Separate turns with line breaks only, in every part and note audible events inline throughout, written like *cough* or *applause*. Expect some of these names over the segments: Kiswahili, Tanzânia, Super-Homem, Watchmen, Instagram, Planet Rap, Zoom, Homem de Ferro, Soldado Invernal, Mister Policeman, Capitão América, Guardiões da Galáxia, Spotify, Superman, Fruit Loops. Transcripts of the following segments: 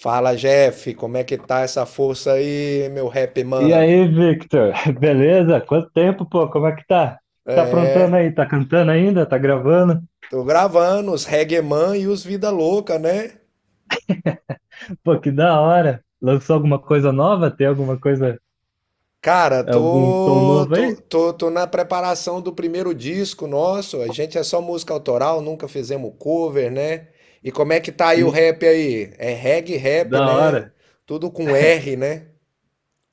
Fala, Jeff, como é que tá essa força aí, meu rap
E
man?
aí, Victor? *laughs* Beleza? Quanto tempo, pô? Como é que tá? Tá aprontando
É,
aí? Tá cantando ainda? Tá gravando?
tô gravando os reggae man e os vida louca, né?
*laughs* Pô, que da hora! Lançou alguma coisa nova? Tem alguma coisa,
Cara,
algum som
tô,
novo aí?
tô, tô, tô na preparação do primeiro disco nosso. A gente é só música autoral, nunca fizemos cover, né? E como é que tá aí o
Sim,
rap aí? É reggae rap,
da
né?
hora.
Tudo com
*laughs*
R, né?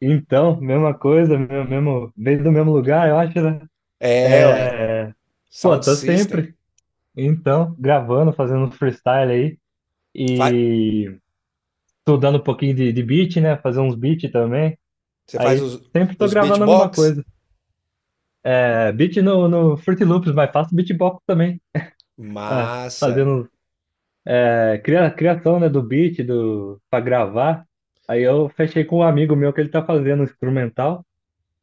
Então, mesma coisa, mesmo, veio do mesmo lugar, eu acho, né?
É, ué.
É, pô,
Sound
tô
System.
sempre, então, gravando, fazendo uns freestyle aí
Fa-
e estudando um pouquinho de beat, né? Fazer uns beats também.
Você faz
Aí
os,
sempre tô
os
gravando alguma
beatbox?
coisa. É, beat no Fruit Loops, mas faço beatbox também. Ah,
Massa.
fazendo é, criação, né, do beat do, pra gravar. Aí eu fechei com um amigo meu que ele tá fazendo instrumental.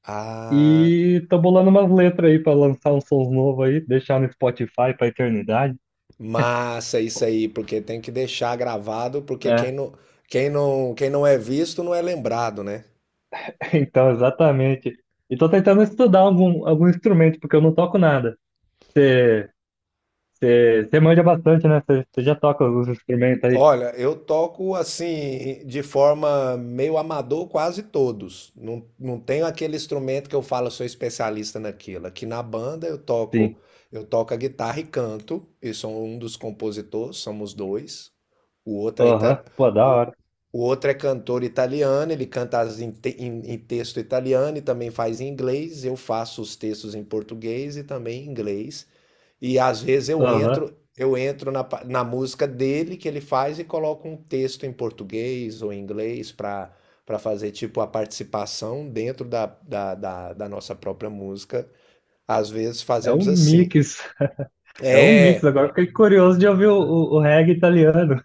Ah.
E tô bolando umas letras aí pra lançar um som novo aí, deixar no Spotify pra eternidade.
Massa isso aí, porque tem que deixar gravado, porque quem
É,
não, quem não, quem não é visto não é lembrado, né?
*laughs* então, exatamente. E tô tentando estudar algum instrumento, porque eu não toco nada. Você manja bastante, né? Você já toca alguns instrumentos aí?
Olha, eu toco assim, de forma meio amador, quase todos. Não, não tenho aquele instrumento que eu falo, sou especialista naquilo. Aqui na banda eu toco,
Sim.
eu toco a guitarra e canto, e sou um dos compositores, somos dois. O outro é,
Aham,
ita-
pô, da
o,
hora.
o outro é cantor italiano, ele canta as em, te- em- em texto italiano e também faz em inglês. Eu faço os textos em português e também em inglês. E às vezes eu
Aham.
entro eu entro na música dele que ele faz e coloco um texto em português ou em inglês para fazer tipo a participação dentro da nossa própria música. Às vezes
É um
fazemos assim.
mix, *laughs* é um mix.
É,
Agora fiquei curioso de ouvir o reggae italiano.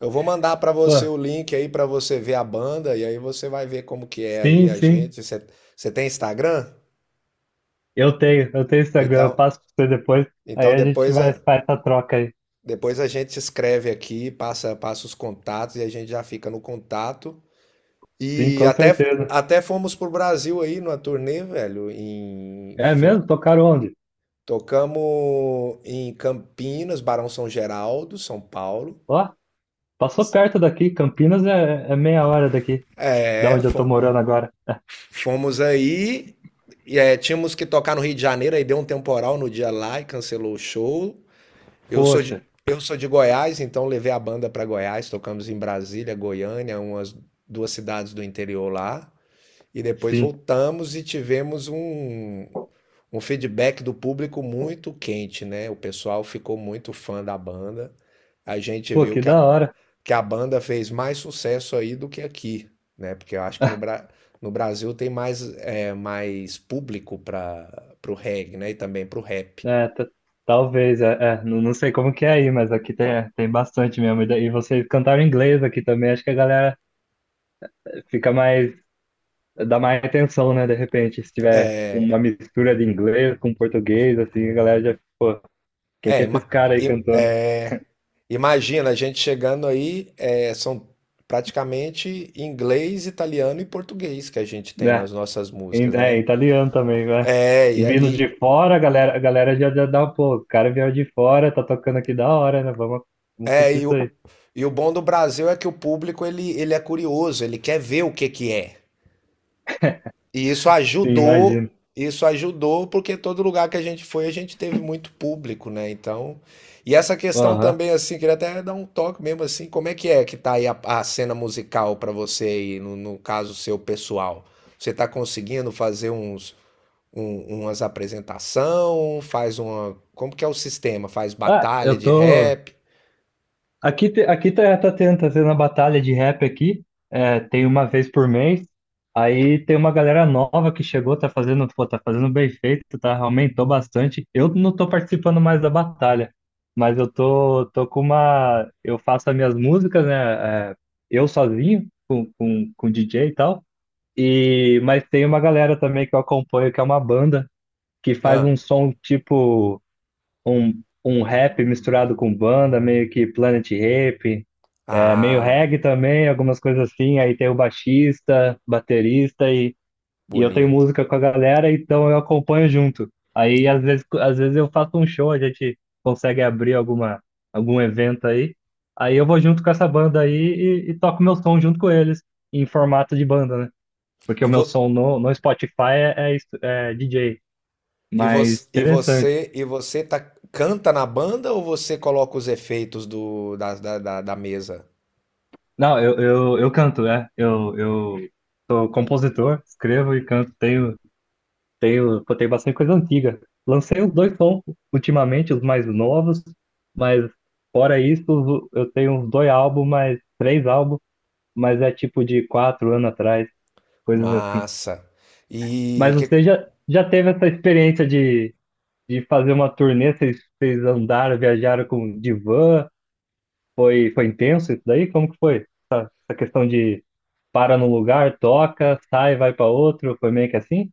eu vou mandar para você
Pô,
o link aí para você ver a banda e aí você vai ver como que é aí
sim,
a
sim.
gente. Você tem Instagram?
Eu tenho Instagram, eu
Então,
passo pra você depois. Aí
então
a gente
depois
vai
a,
faz essa troca aí.
depois a gente escreve aqui, passa os contatos e a gente já fica no contato.
Sim,
E
com
até,
certeza.
até fomos pro Brasil aí numa turnê, velho. Em,
É
fin-
mesmo? Tocaram onde?
tocamos em Campinas, Barão São Geraldo, São Paulo.
Ó, passou perto daqui. Campinas é meia hora daqui, da
É,
onde eu tô morando agora.
fomos aí. E, tínhamos que tocar no Rio de Janeiro, aí deu um temporal no dia lá e cancelou o show. Eu sou de,
Poxa,
eu sou de Goiás, então levei a banda para Goiás, tocamos em Brasília, Goiânia, umas duas cidades do interior lá. E depois
sim.
voltamos e tivemos um feedback do público muito quente, né? O pessoal ficou muito fã da banda. A gente
Pô,
viu
que
que a,
da hora.
que a banda fez mais sucesso aí do que aqui, né? Porque eu acho que no Brasil tem mais público para o reggae, né? E também para o rap.
É, talvez, é, não, não sei como que é aí, mas aqui tem, é, tem bastante mesmo. E daí vocês cantaram em inglês aqui também. Acho que a galera fica mais dá mais atenção, né? De repente, se tiver uma mistura de inglês com português, assim, a galera já, pô, quem
É,
que é esses
ima-
caras aí
i-
cantando?
é, imagina a gente chegando aí, são praticamente inglês, italiano e português que a gente tem
Né?
nas nossas músicas,
É,
né?
em italiano também, né? E
É,
vindo
e,
de fora, a galera já, já dá, pô, o cara veio de fora, tá tocando aqui da hora, né? Vamos, vamos
É,
curtir
e,
isso
o,
aí.
e o bom do Brasil é que o público ele é curioso, ele quer ver o que que é. E
Sim, imagino.
isso ajudou porque todo lugar que a gente foi, a gente teve muito público, né? Então, e essa questão
Aham.
também assim, queria até dar um toque mesmo assim, como é que tá aí a cena musical para você aí, no caso seu pessoal? Você tá conseguindo fazer umas apresentação? Como que é o sistema? Faz
Ah,
batalha
eu
de
tô.
rap?
Aqui, aqui tá, tá tendo a batalha de rap aqui, é, tem uma vez por mês, aí tem uma galera nova que chegou, tá fazendo, pô, tá fazendo bem feito, tá, aumentou bastante. Eu não tô participando mais da batalha, mas eu tô com uma, eu faço as minhas músicas, né, é, eu sozinho, com DJ e tal, e, mas tem uma galera também que eu acompanho, que é uma banda, que faz
Ah,
um som tipo um rap misturado com banda, meio que Planet Rap, é, meio
ah.
reggae também, algumas coisas assim. Aí tem o baixista, baterista e eu tenho
Bonito.
música com a galera, então eu acompanho junto. Aí às vezes eu faço um show, a gente consegue abrir alguma, algum evento aí. Aí eu vou junto com essa banda aí e toco meu som junto com eles, em formato de banda, né? Porque
E,
o
vo,
meu som no Spotify é, é, é DJ.
e,
Mas
você, e
interessante.
você e você tá, canta na banda ou você coloca os efeitos do, da, da, da, da mesa?
Não, eu canto, né? Eu sou compositor, escrevo e canto. Tenho, pô, tenho bastante coisa antiga. Lancei os dois sons ultimamente, os mais novos, mas fora isso, eu tenho uns dois álbuns, mas três álbuns, mas é tipo de quatro anos atrás, coisas assim.
Massa. E
Mas você
que,
já, já teve essa experiência de fazer uma turnê? Vocês, vocês andaram, viajaram com de van? Foi, foi intenso isso daí? Como que foi? Essa questão para no lugar, toca, sai, vai para outro, foi meio que assim?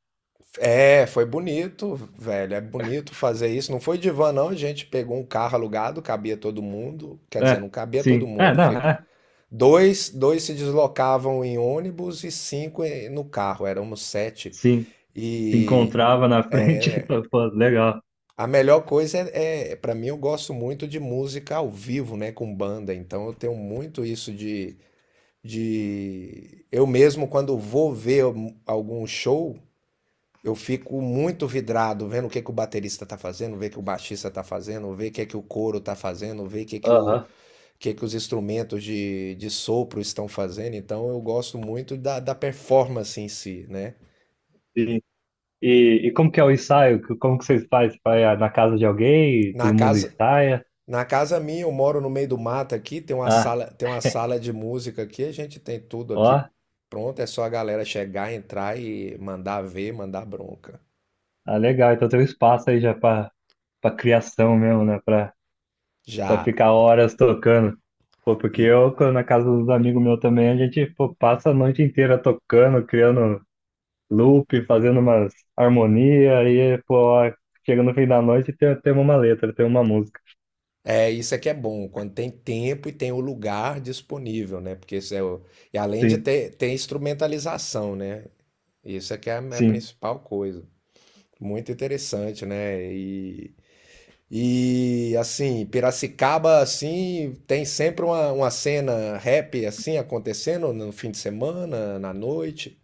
foi bonito, velho. É bonito fazer isso. Não foi divã, não. A gente pegou um carro alugado, cabia todo mundo. Quer dizer,
É,
não cabia todo
sim. É,
mundo.
não, é,
Dois se deslocavam em ônibus e cinco no carro. Éramos sete.
sim. Se
E,
encontrava na frente, *laughs* então, pô, legal.
A melhor coisa é, é para mim, eu gosto muito de música ao vivo, né, com banda. Então eu tenho muito isso. Eu mesmo quando vou ver algum show, eu fico muito vidrado vendo o que que o baterista tá fazendo, ver o que o baixista tá fazendo, ver o que que o coro tá fazendo, ver o que que o
Aham,
o que que os instrumentos de sopro estão fazendo. Então eu gosto muito da performance em si, né?
sim. E como que é o ensaio? Como que vocês fazem? Vai ah, na casa de alguém,
Na
todo mundo
casa,
ensaia?
Na casa minha, eu moro no meio do mato aqui, tem uma
Ah,
sala, tem uma sala de música aqui, a gente tem tudo
ó,
aqui pronto, é só a galera chegar, entrar e mandar ver, mandar bronca.
ah, legal. Então tem um espaço aí já para para criação mesmo, né? Para para
Já.
ficar horas tocando. Pô, porque
E
eu, quando na casa dos amigos meus também, a gente, pô, passa a noite inteira tocando, criando loop, fazendo umas harmonia, aí, pô, chega no fim da noite e tem, tem uma letra, tem uma música.
isso é que é bom, quando tem tempo e tem o lugar disponível, né? Porque isso é o, e além de
Sim,
ter instrumentalização, né? Isso é que é é a
sim.
principal coisa. Muito interessante, né? E assim, Piracicaba assim tem sempre uma cena rap assim acontecendo no fim de semana, na noite.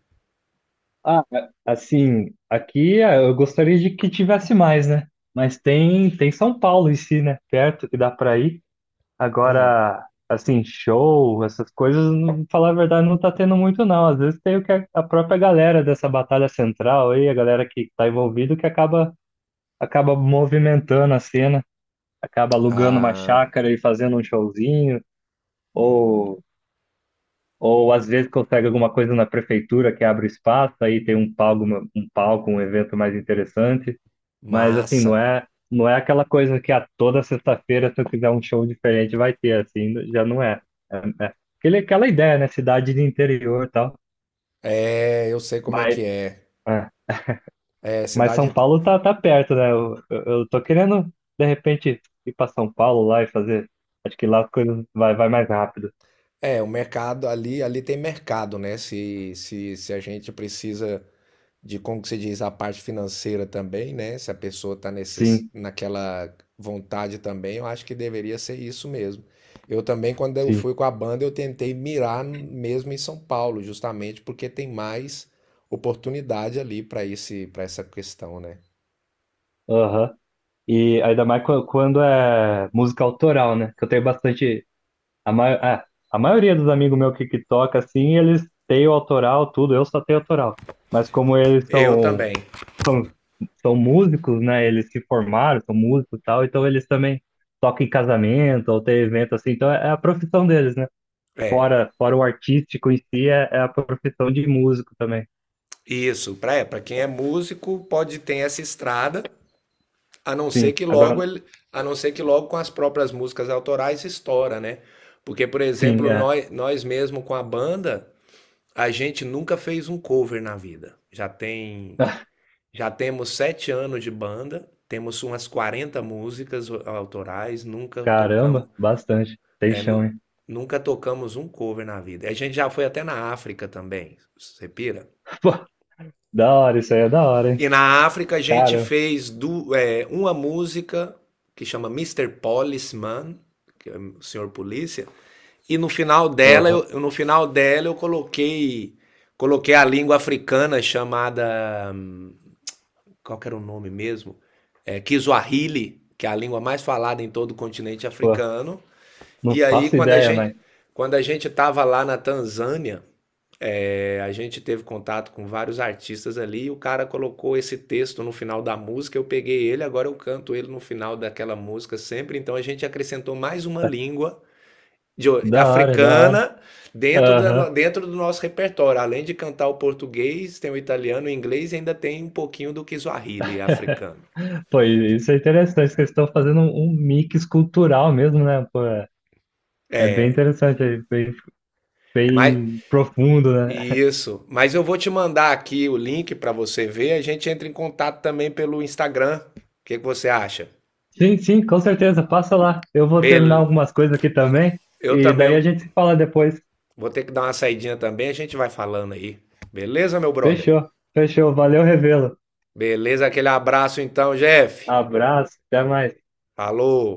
Ah, assim, aqui ah, eu gostaria de que tivesse mais, né? Mas tem, tem São Paulo em si, né? Perto que dá pra ir.
Hum.
Agora, assim, show, essas coisas, falar a verdade, não tá tendo muito, não. Às vezes tem o que a própria galera dessa batalha central aí, a galera que tá envolvida, que acaba, acaba movimentando a cena. Acaba alugando uma
Ah,
chácara e fazendo um showzinho, ou, ou às vezes consegue alguma coisa na prefeitura que abre espaço, aí tem um palco, um palco, um evento mais interessante, mas assim,
massa.
não é aquela coisa que a toda sexta-feira, se eu quiser um show diferente, vai ter, assim, já não é. É, é. Aquele, aquela ideia, né? Cidade de interior e tal.
É, eu sei como é
Mas,
que é.
é.
É,
Mas São Paulo tá, tá perto, né? Eu tô querendo, de repente, ir para São Paulo lá e fazer. Acho que lá as coisas vai, vai mais rápido.
o mercado ali tem mercado, né? Se a gente precisa de como que se diz a parte financeira também, né? Se a pessoa está
Sim.
naquela vontade também, eu acho que deveria ser isso mesmo. Eu também, quando eu
Sim.
fui com a banda, eu tentei mirar mesmo em São Paulo, justamente porque tem mais oportunidade ali para essa questão, né?
Aham. E ainda mais quando é música autoral, né? Que eu tenho bastante. A, é, a maioria dos amigos meus que toca, assim, eles têm o autoral, tudo, eu só tenho autoral. Mas como eles
Eu também.
são, são músicos, né? Eles se formaram, são músicos e tal, então eles também tocam em casamento ou tem evento assim, então é, é a profissão deles, né?
É,
Fora, fora o artístico em si, é, é a profissão de músico também.
isso. Para quem é músico, pode ter essa estrada. A não ser
Sim,
que logo
agora,
ele, a não ser que logo com as próprias músicas autorais estoura, né? Porque, por
sim,
exemplo,
é.
nós mesmo com a banda, a gente nunca fez um cover na vida. Já tem,
*laughs*
já temos 7 anos de banda, temos umas 40 músicas autorais,
Caramba, bastante. Tem
é,
chão,
nu-
hein?
nunca tocamos um cover na vida. A gente já foi até na África também, você pira?
*laughs* Da hora, isso aí é da hora, hein?
E na África a gente
Cara,
fez uma música que chama Mister Policeman, que é o senhor polícia. E no final dela,
porra,
no final dela eu coloquei a língua africana chamada, qual que era o nome mesmo? É, Kiswahili, que é a língua mais falada em todo o continente
pô,
africano.
não
E aí
faço
quando a
ideia,
gente
mas
quando a gente estava lá na Tanzânia, a gente teve contato com vários artistas ali e o cara colocou esse texto no final da música. Eu peguei ele, agora eu canto ele no final daquela música sempre. Então a gente acrescentou mais uma
tá-
língua
da hora, é da hora.
africana dentro, da, no-
Aham.
dentro do nosso repertório. Além de cantar o português, tem o italiano, o inglês e ainda tem um pouquinho do Kiswahili africano.
Pô, e isso é interessante, que eles estão fazendo um, um mix cultural mesmo, né? Pô, é, é bem
É,
interessante, é bem,
mas
bem profundo, né?
isso. Mas eu vou te mandar aqui o link para você ver. A gente entra em contato também pelo Instagram. O que que você acha?
Sim, sim, com certeza, passa lá. Eu vou terminar
Bel
algumas coisas aqui também,
Eu
e
também
daí a gente se fala depois.
vou ter que dar uma saidinha também, a gente vai falando aí. Beleza, meu brother?
Fechou, fechou, valeu, revelo.
Beleza, aquele abraço então, Jeff.
Abraço, até mais.
Falou.